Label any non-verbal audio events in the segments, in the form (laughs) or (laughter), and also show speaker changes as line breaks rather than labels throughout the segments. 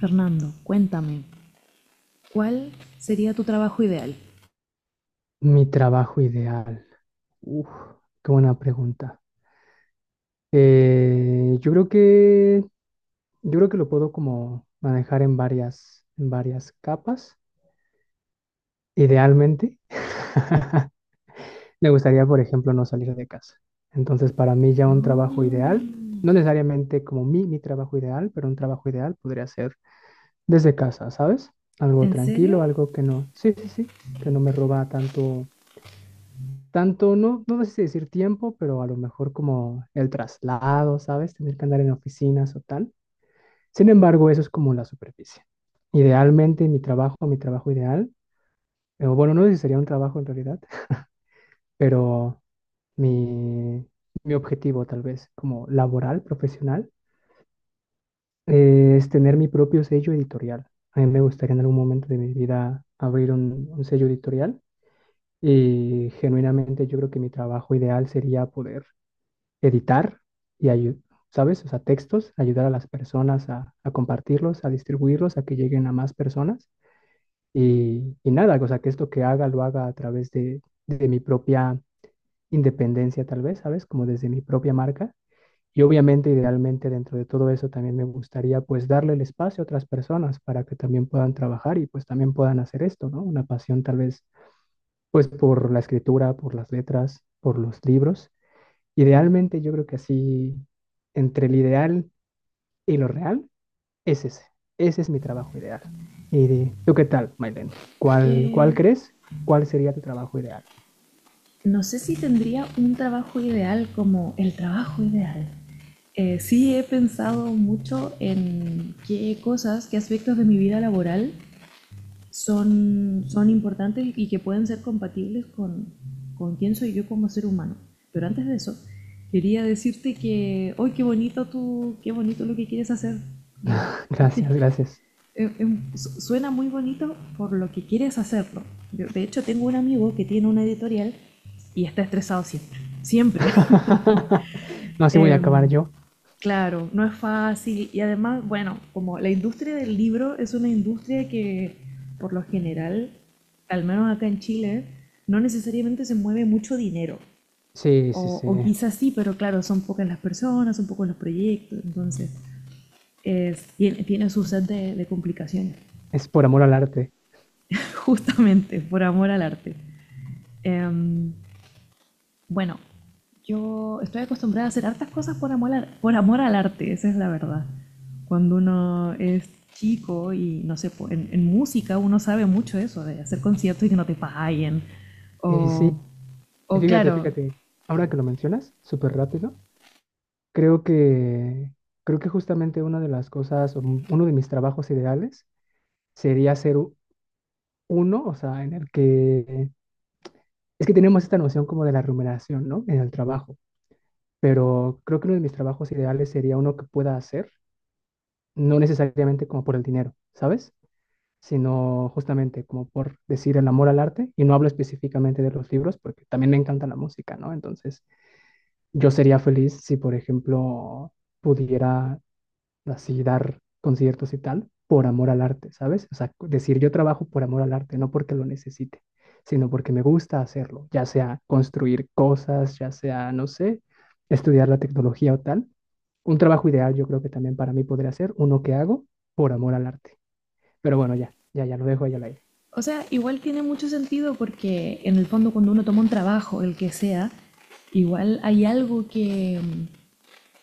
Fernando, cuéntame, ¿cuál sería tu trabajo ideal?
Mi trabajo ideal. Uf, qué buena pregunta. Eh, yo creo que, yo creo que lo puedo como manejar en varias capas. Idealmente, (laughs) me gustaría, por ejemplo, no salir de casa. Entonces, para mí ya un trabajo ideal,
Oh,
no necesariamente como mi trabajo ideal, pero un trabajo ideal podría ser desde casa, ¿sabes? Algo
¿en serio?
tranquilo, algo que no, sí, sí, sí, que no me roba tanto tanto, no, no sé si decir tiempo, pero a lo mejor como el traslado, ¿sabes? Tener que andar en oficinas o tal. Sin embargo, eso es como la superficie. Idealmente, mi trabajo ideal, bueno, no sé si sería un trabajo en realidad, (laughs) pero mi, mi objetivo tal vez como laboral, profesional, es tener mi propio sello editorial. A mí me gustaría en algún momento de mi vida abrir un sello editorial. Y genuinamente yo creo que mi trabajo ideal sería poder editar y ¿sabes? O sea, textos, ayudar a las personas a compartirlos, a distribuirlos, a que lleguen a más personas. Y nada, o sea, que esto que haga lo haga a través de mi propia independencia, tal vez, ¿sabes? Como desde mi propia marca. Y obviamente, idealmente, dentro de todo eso también me gustaría pues darle el espacio a otras personas para que también puedan trabajar y pues también puedan hacer esto, ¿no? Una pasión tal vez pues por la escritura, por las letras, por los libros. Idealmente, yo creo que así, entre el ideal y lo real, es ese. Ese es mi trabajo ideal. ¿Y tú qué tal, Mailen? ¿Cuál
Que
crees? ¿Cuál sería tu trabajo ideal?
no sé si tendría un trabajo ideal como el trabajo ideal. Sí he pensado mucho en qué cosas, qué aspectos de mi vida laboral son importantes y que pueden ser compatibles con quién soy yo como ser humano. Pero antes de eso, quería decirte que hoy ¡qué bonito tú, qué bonito lo que quieres hacer! Como
(laughs) Gracias, gracias.
eh, eh, suena muy bonito por lo que quieres hacerlo. Yo, de hecho, tengo un amigo que tiene una editorial y está estresado siempre. Siempre. (laughs)
(laughs) No, así voy a acabar
Em,
yo.
claro, no es fácil. Y además, bueno, como la industria del libro es una industria que, por lo general, al menos acá en Chile, no necesariamente se mueve mucho dinero.
Sí, sí, sí.
O quizás sí, pero claro, son pocas las personas, son pocos los proyectos. Entonces, tiene, tiene su de complicaciones.
Es por amor al arte.
Justamente, por amor al arte. Em, bueno, yo estoy acostumbrada a hacer hartas cosas por amor, por amor al arte, esa es la verdad. Cuando uno es chico y no sé, po, en música uno sabe mucho eso, de hacer conciertos y que no te paguen.
Y sí,
O,
y
o
fíjate,
claro,
fíjate, ahora que lo mencionas, súper rápido, creo que, creo que justamente una de las cosas, o uno de mis trabajos ideales sería ser uno, o sea, en el que es que tenemos esta noción como de la remuneración, ¿no? En el trabajo, pero creo que uno de mis trabajos ideales sería uno que pueda hacer, no necesariamente como por el dinero, ¿sabes? Sino justamente como por decir el amor al arte, y no hablo específicamente de los libros, porque también me encanta la música, ¿no? Entonces, yo sería feliz si, por ejemplo, pudiera así dar conciertos y tal, por amor al arte, ¿sabes? O sea, decir yo trabajo por amor al arte, no porque lo necesite, sino porque me gusta hacerlo, ya sea construir cosas, ya sea, no sé, estudiar la tecnología o tal. Un trabajo ideal yo creo que también para mí podría ser uno que hago por amor al arte. Pero bueno, ya, ya, ya lo dejo ahí al aire.
o sea, igual tiene mucho sentido porque en el fondo cuando uno toma un trabajo, el que sea, igual hay algo que,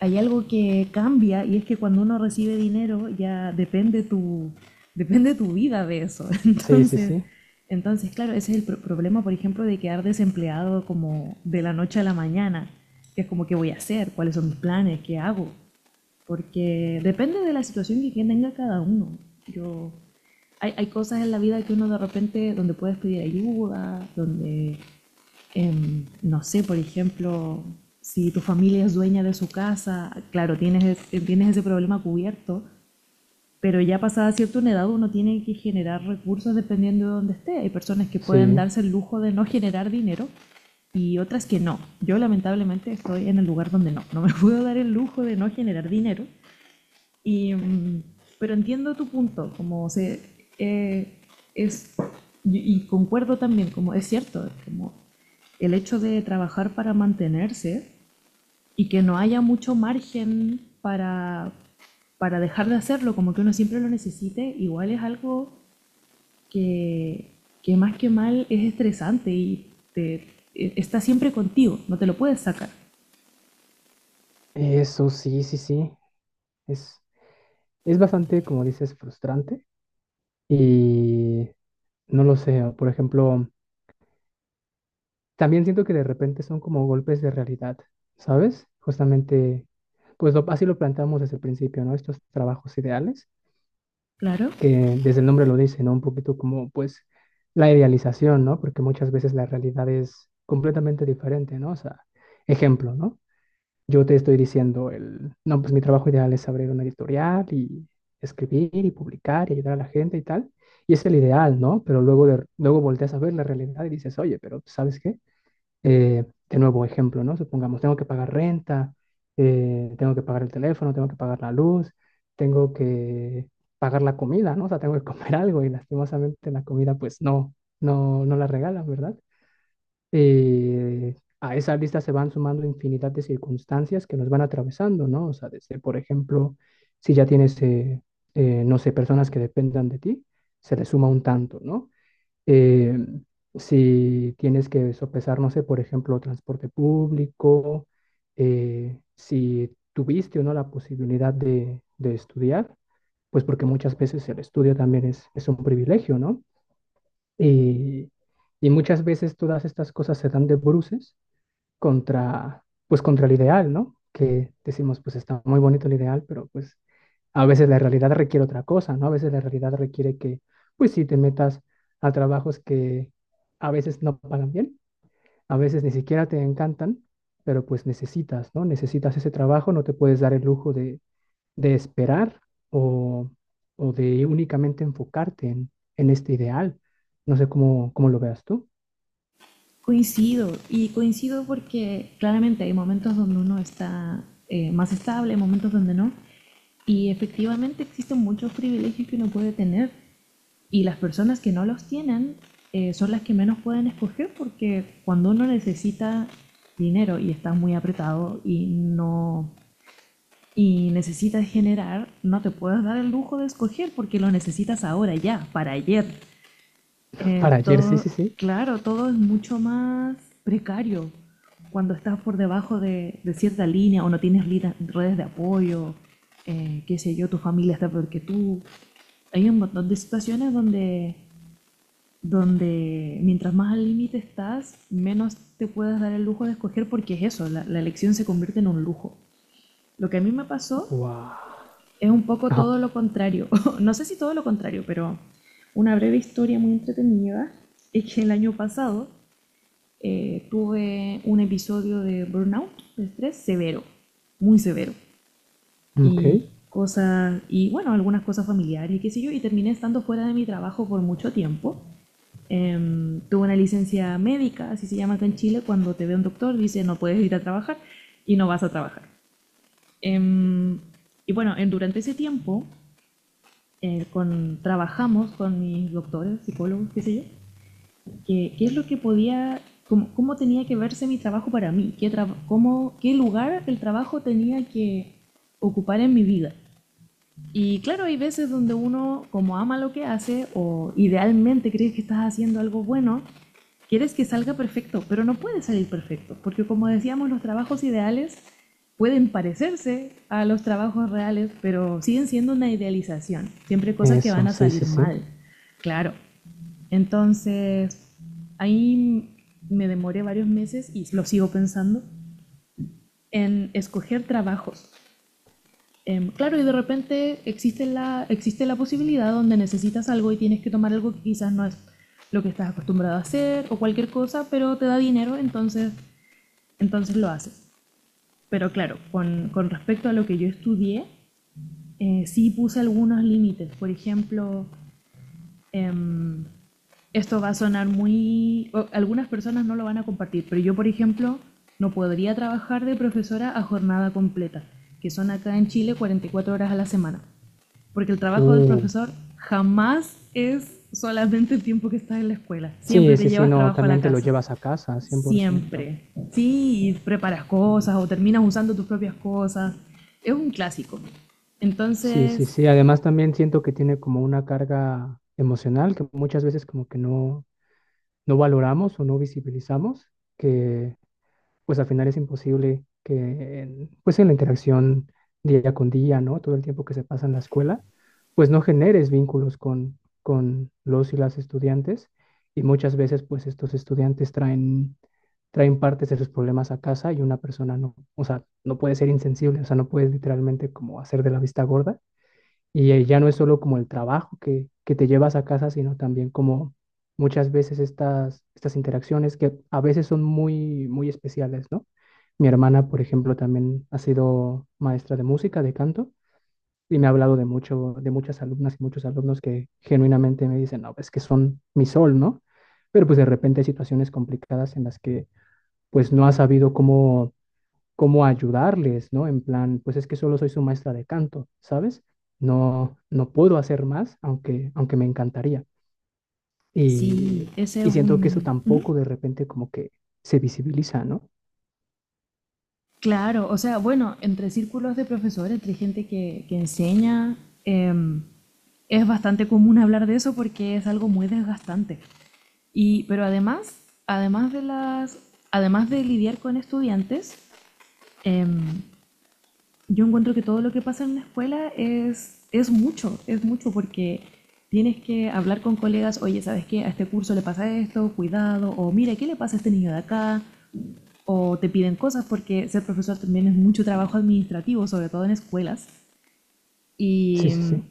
hay algo que cambia y es que cuando uno recibe dinero ya depende tu vida de eso. (laughs)
Sí, sí, sí,
Entonces claro, ese es el problema, por ejemplo, de quedar desempleado como de la noche a la mañana, que es como qué voy a hacer, cuáles son mis planes, qué hago, porque depende de la situación que tenga cada uno. Yo, hay cosas en la vida que uno de repente, donde puedes pedir ayuda, donde no sé, por ejemplo, si tu familia es dueña de su casa, claro, tienes ese problema cubierto, pero ya pasada cierta una edad uno tiene que generar recursos dependiendo de dónde esté. Hay personas que pueden
sí.
darse el lujo de no generar dinero y otras que no. Yo lamentablemente estoy en el lugar donde no, no me (laughs) puedo dar el lujo de no generar dinero y, pero entiendo tu punto, eh, es, y concuerdo también, como es cierto, como el hecho de trabajar para mantenerse y que no haya mucho margen para dejar de hacerlo, como que uno siempre lo necesite, igual es algo que, que más que mal es estresante y está siempre contigo, no te lo puedes sacar.
Eso sí, sí, sí. Es, es bastante, como dices, frustrante. Y no lo sé, por ejemplo, también siento que de repente son como golpes de realidad, ¿sabes? Justamente, pues así lo planteamos desde el principio, ¿no? Estos trabajos ideales,
Claro.
que desde el nombre lo dice, ¿no? Un poquito como, pues, la idealización, ¿no? Porque muchas veces la realidad es completamente diferente, ¿no? O sea, ejemplo, ¿no? Yo te estoy diciendo el, no, pues mi trabajo ideal es abrir una editorial y escribir y publicar y ayudar a la gente y tal. Y es el ideal, ¿no? Pero luego, luego volteas a ver la realidad y dices, oye, pero ¿sabes qué? De nuevo, ejemplo, ¿no? Supongamos, tengo que pagar renta, tengo que pagar el teléfono, tengo que pagar la luz, tengo que pagar la comida, ¿no? O sea, tengo que comer (laughs) algo y lastimosamente la comida, pues no, no, no la regalan, ¿verdad? A esa lista se van sumando infinidad de circunstancias que nos van atravesando, ¿no? O sea, desde, por ejemplo, si ya tienes, no sé, personas que dependan de ti, se le suma un tanto, ¿no? eh, si tienes que sopesar, no sé, por ejemplo, transporte público, si tuviste o no la posibilidad de estudiar, pues porque muchas veces el estudio también es un privilegio, ¿no? Y, y muchas veces todas estas cosas se dan de bruces contra, pues contra el ideal, ¿no? Que decimos, pues está muy bonito el ideal, pero pues a veces la realidad requiere otra cosa, ¿no? A veces la realidad requiere que, pues sí, te metas a trabajos que a veces no pagan bien, a veces ni siquiera te encantan, pero pues necesitas, ¿no? Necesitas ese trabajo, no te puedes dar el lujo de esperar o, o de únicamente enfocarte en este ideal. No sé cómo, cómo lo veas tú.
Coincido, y coincido porque claramente hay momentos donde uno está más estable, momentos donde no, y efectivamente existen muchos privilegios que uno puede tener, y las personas que no los tienen son las que menos pueden escoger porque cuando uno necesita dinero y está muy apretado y necesitas generar, no te puedes dar el lujo de escoger porque lo necesitas ahora ya, para ayer.
(laughs)
Eh,
Para ayer, sí,
todo,
sí, sí.
claro, todo es mucho más precario cuando estás por debajo de cierta línea o no tienes redes de apoyo, qué sé yo, tu familia está peor que tú. Hay un montón de situaciones donde mientras más al límite estás, menos te puedes dar el lujo de escoger porque es eso, la elección se convierte en un lujo. Lo que a mí me pasó
Wow.
es un poco
Ajá.
todo lo contrario. (laughs) No sé si todo lo contrario, pero una breve historia muy entretenida es que el año pasado tuve un episodio de burnout, de estrés severo, muy severo.
Ok.
Y cosas, y bueno, algunas cosas familiares, qué sé yo, y terminé estando fuera de mi trabajo por mucho tiempo. Tuve una licencia médica, así se llama acá en Chile, cuando te ve un doctor, dice no puedes ir a trabajar y no vas a trabajar. Em, y bueno, durante ese tiempo trabajamos con mis doctores, psicólogos, qué sé yo, qué es lo que podía, tenía que verse mi trabajo para mí, qué lugar el trabajo tenía que ocupar en mi vida. Y claro, hay veces donde uno, como ama lo que hace o idealmente cree que estás haciendo algo bueno, quieres que salga perfecto, pero no puede salir perfecto, porque como decíamos, los trabajos ideales pueden parecerse a los trabajos reales, pero siguen siendo una idealización, siempre cosas que van
Eso,
a
sí, sí,
salir
sí.
mal, claro. Entonces, ahí me demoré varios meses y lo sigo pensando en escoger trabajos. Claro, y de repente existe la posibilidad donde necesitas algo y tienes que tomar algo que quizás no es lo que estás acostumbrado a hacer o cualquier cosa, pero te da dinero, entonces lo haces. Pero claro, con respecto a lo que yo estudié, sí puse algunos límites. Por ejemplo, em, esto va a sonar muy... Algunas personas no lo van a compartir, pero yo, por ejemplo, no podría trabajar de profesora a jornada completa, que son acá en Chile 44 horas a la semana. Porque el trabajo del
Uh.
profesor jamás es solamente el tiempo que estás en la escuela. Siempre
Sí,
te
sí, sí,
llevas
no,
trabajo a la
también te lo
casa.
llevas a casa, 100%.
Siempre. Sí, y preparas cosas o terminas usando tus propias cosas. Es un clásico.
Sí, sí,
Entonces,
sí. Además también siento que tiene como una carga emocional que muchas veces como que no, no valoramos o no visibilizamos, que pues al final es imposible que, pues en la interacción día con día, ¿no? Todo el tiempo que se pasa en la escuela, pues no generes vínculos con los y las estudiantes y muchas veces pues estos estudiantes traen, traen partes de sus problemas a casa y una persona no, o sea, no puede ser insensible, o sea, no puede literalmente como hacer de la vista gorda y ya no es solo como el trabajo que te llevas a casa, sino también como muchas veces estas, estas interacciones que a veces son muy, muy especiales, ¿no? Mi hermana, por ejemplo, también ha sido maestra de música, de canto, y me ha hablado de mucho, de muchas alumnas y muchos alumnos que genuinamente me dicen, no, es que son mi sol, ¿no? Pero pues de repente hay situaciones complicadas en las que pues no has sabido cómo cómo ayudarles, ¿no? En plan, pues es que solo soy su maestra de canto, ¿sabes? No, no puedo hacer más, aunque, aunque me encantaría.
sí,
Y,
ese es
y siento que eso
un,
tampoco de repente como que se visibiliza, ¿no?
claro, o sea, bueno, entre círculos de profesores, entre gente que enseña, em, es bastante común hablar de eso porque es algo muy desgastante. Y, pero además, además de las, además de lidiar con estudiantes, em, yo encuentro que todo lo que pasa en una escuela es mucho porque tienes que hablar con colegas, oye, ¿sabes qué? A este curso le pasa esto, cuidado, o mira, ¿qué le pasa a este niño de acá? O te piden cosas, porque ser profesor también es mucho trabajo administrativo, sobre todo en escuelas.
Sí,
Y,
sí, sí.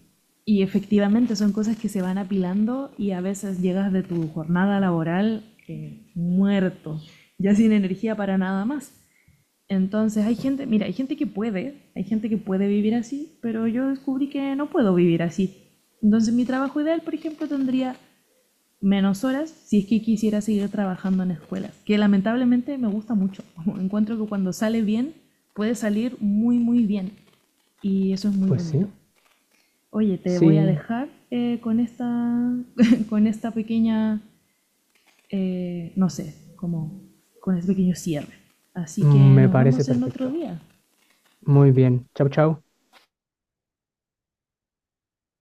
y efectivamente son cosas que se van apilando y a veces llegas de tu jornada laboral muerto, ya sin energía para nada más. Entonces hay gente, mira, hay gente que puede, hay gente que puede vivir así, pero yo descubrí que no puedo vivir así. Entonces mi trabajo ideal, por ejemplo, tendría menos horas si es que quisiera seguir trabajando en escuelas, que lamentablemente me gusta mucho. (laughs) Encuentro que cuando sale bien, puede salir muy, muy bien. Y eso es muy
Pues
bonito.
sí.
Oye, te voy a
Sí,
dejar esta, (laughs) con esta pequeña, no sé, como con este pequeño cierre. Así que
me
nos
parece
vemos en otro
perfecto.
día.
Muy bien. Chau, chau.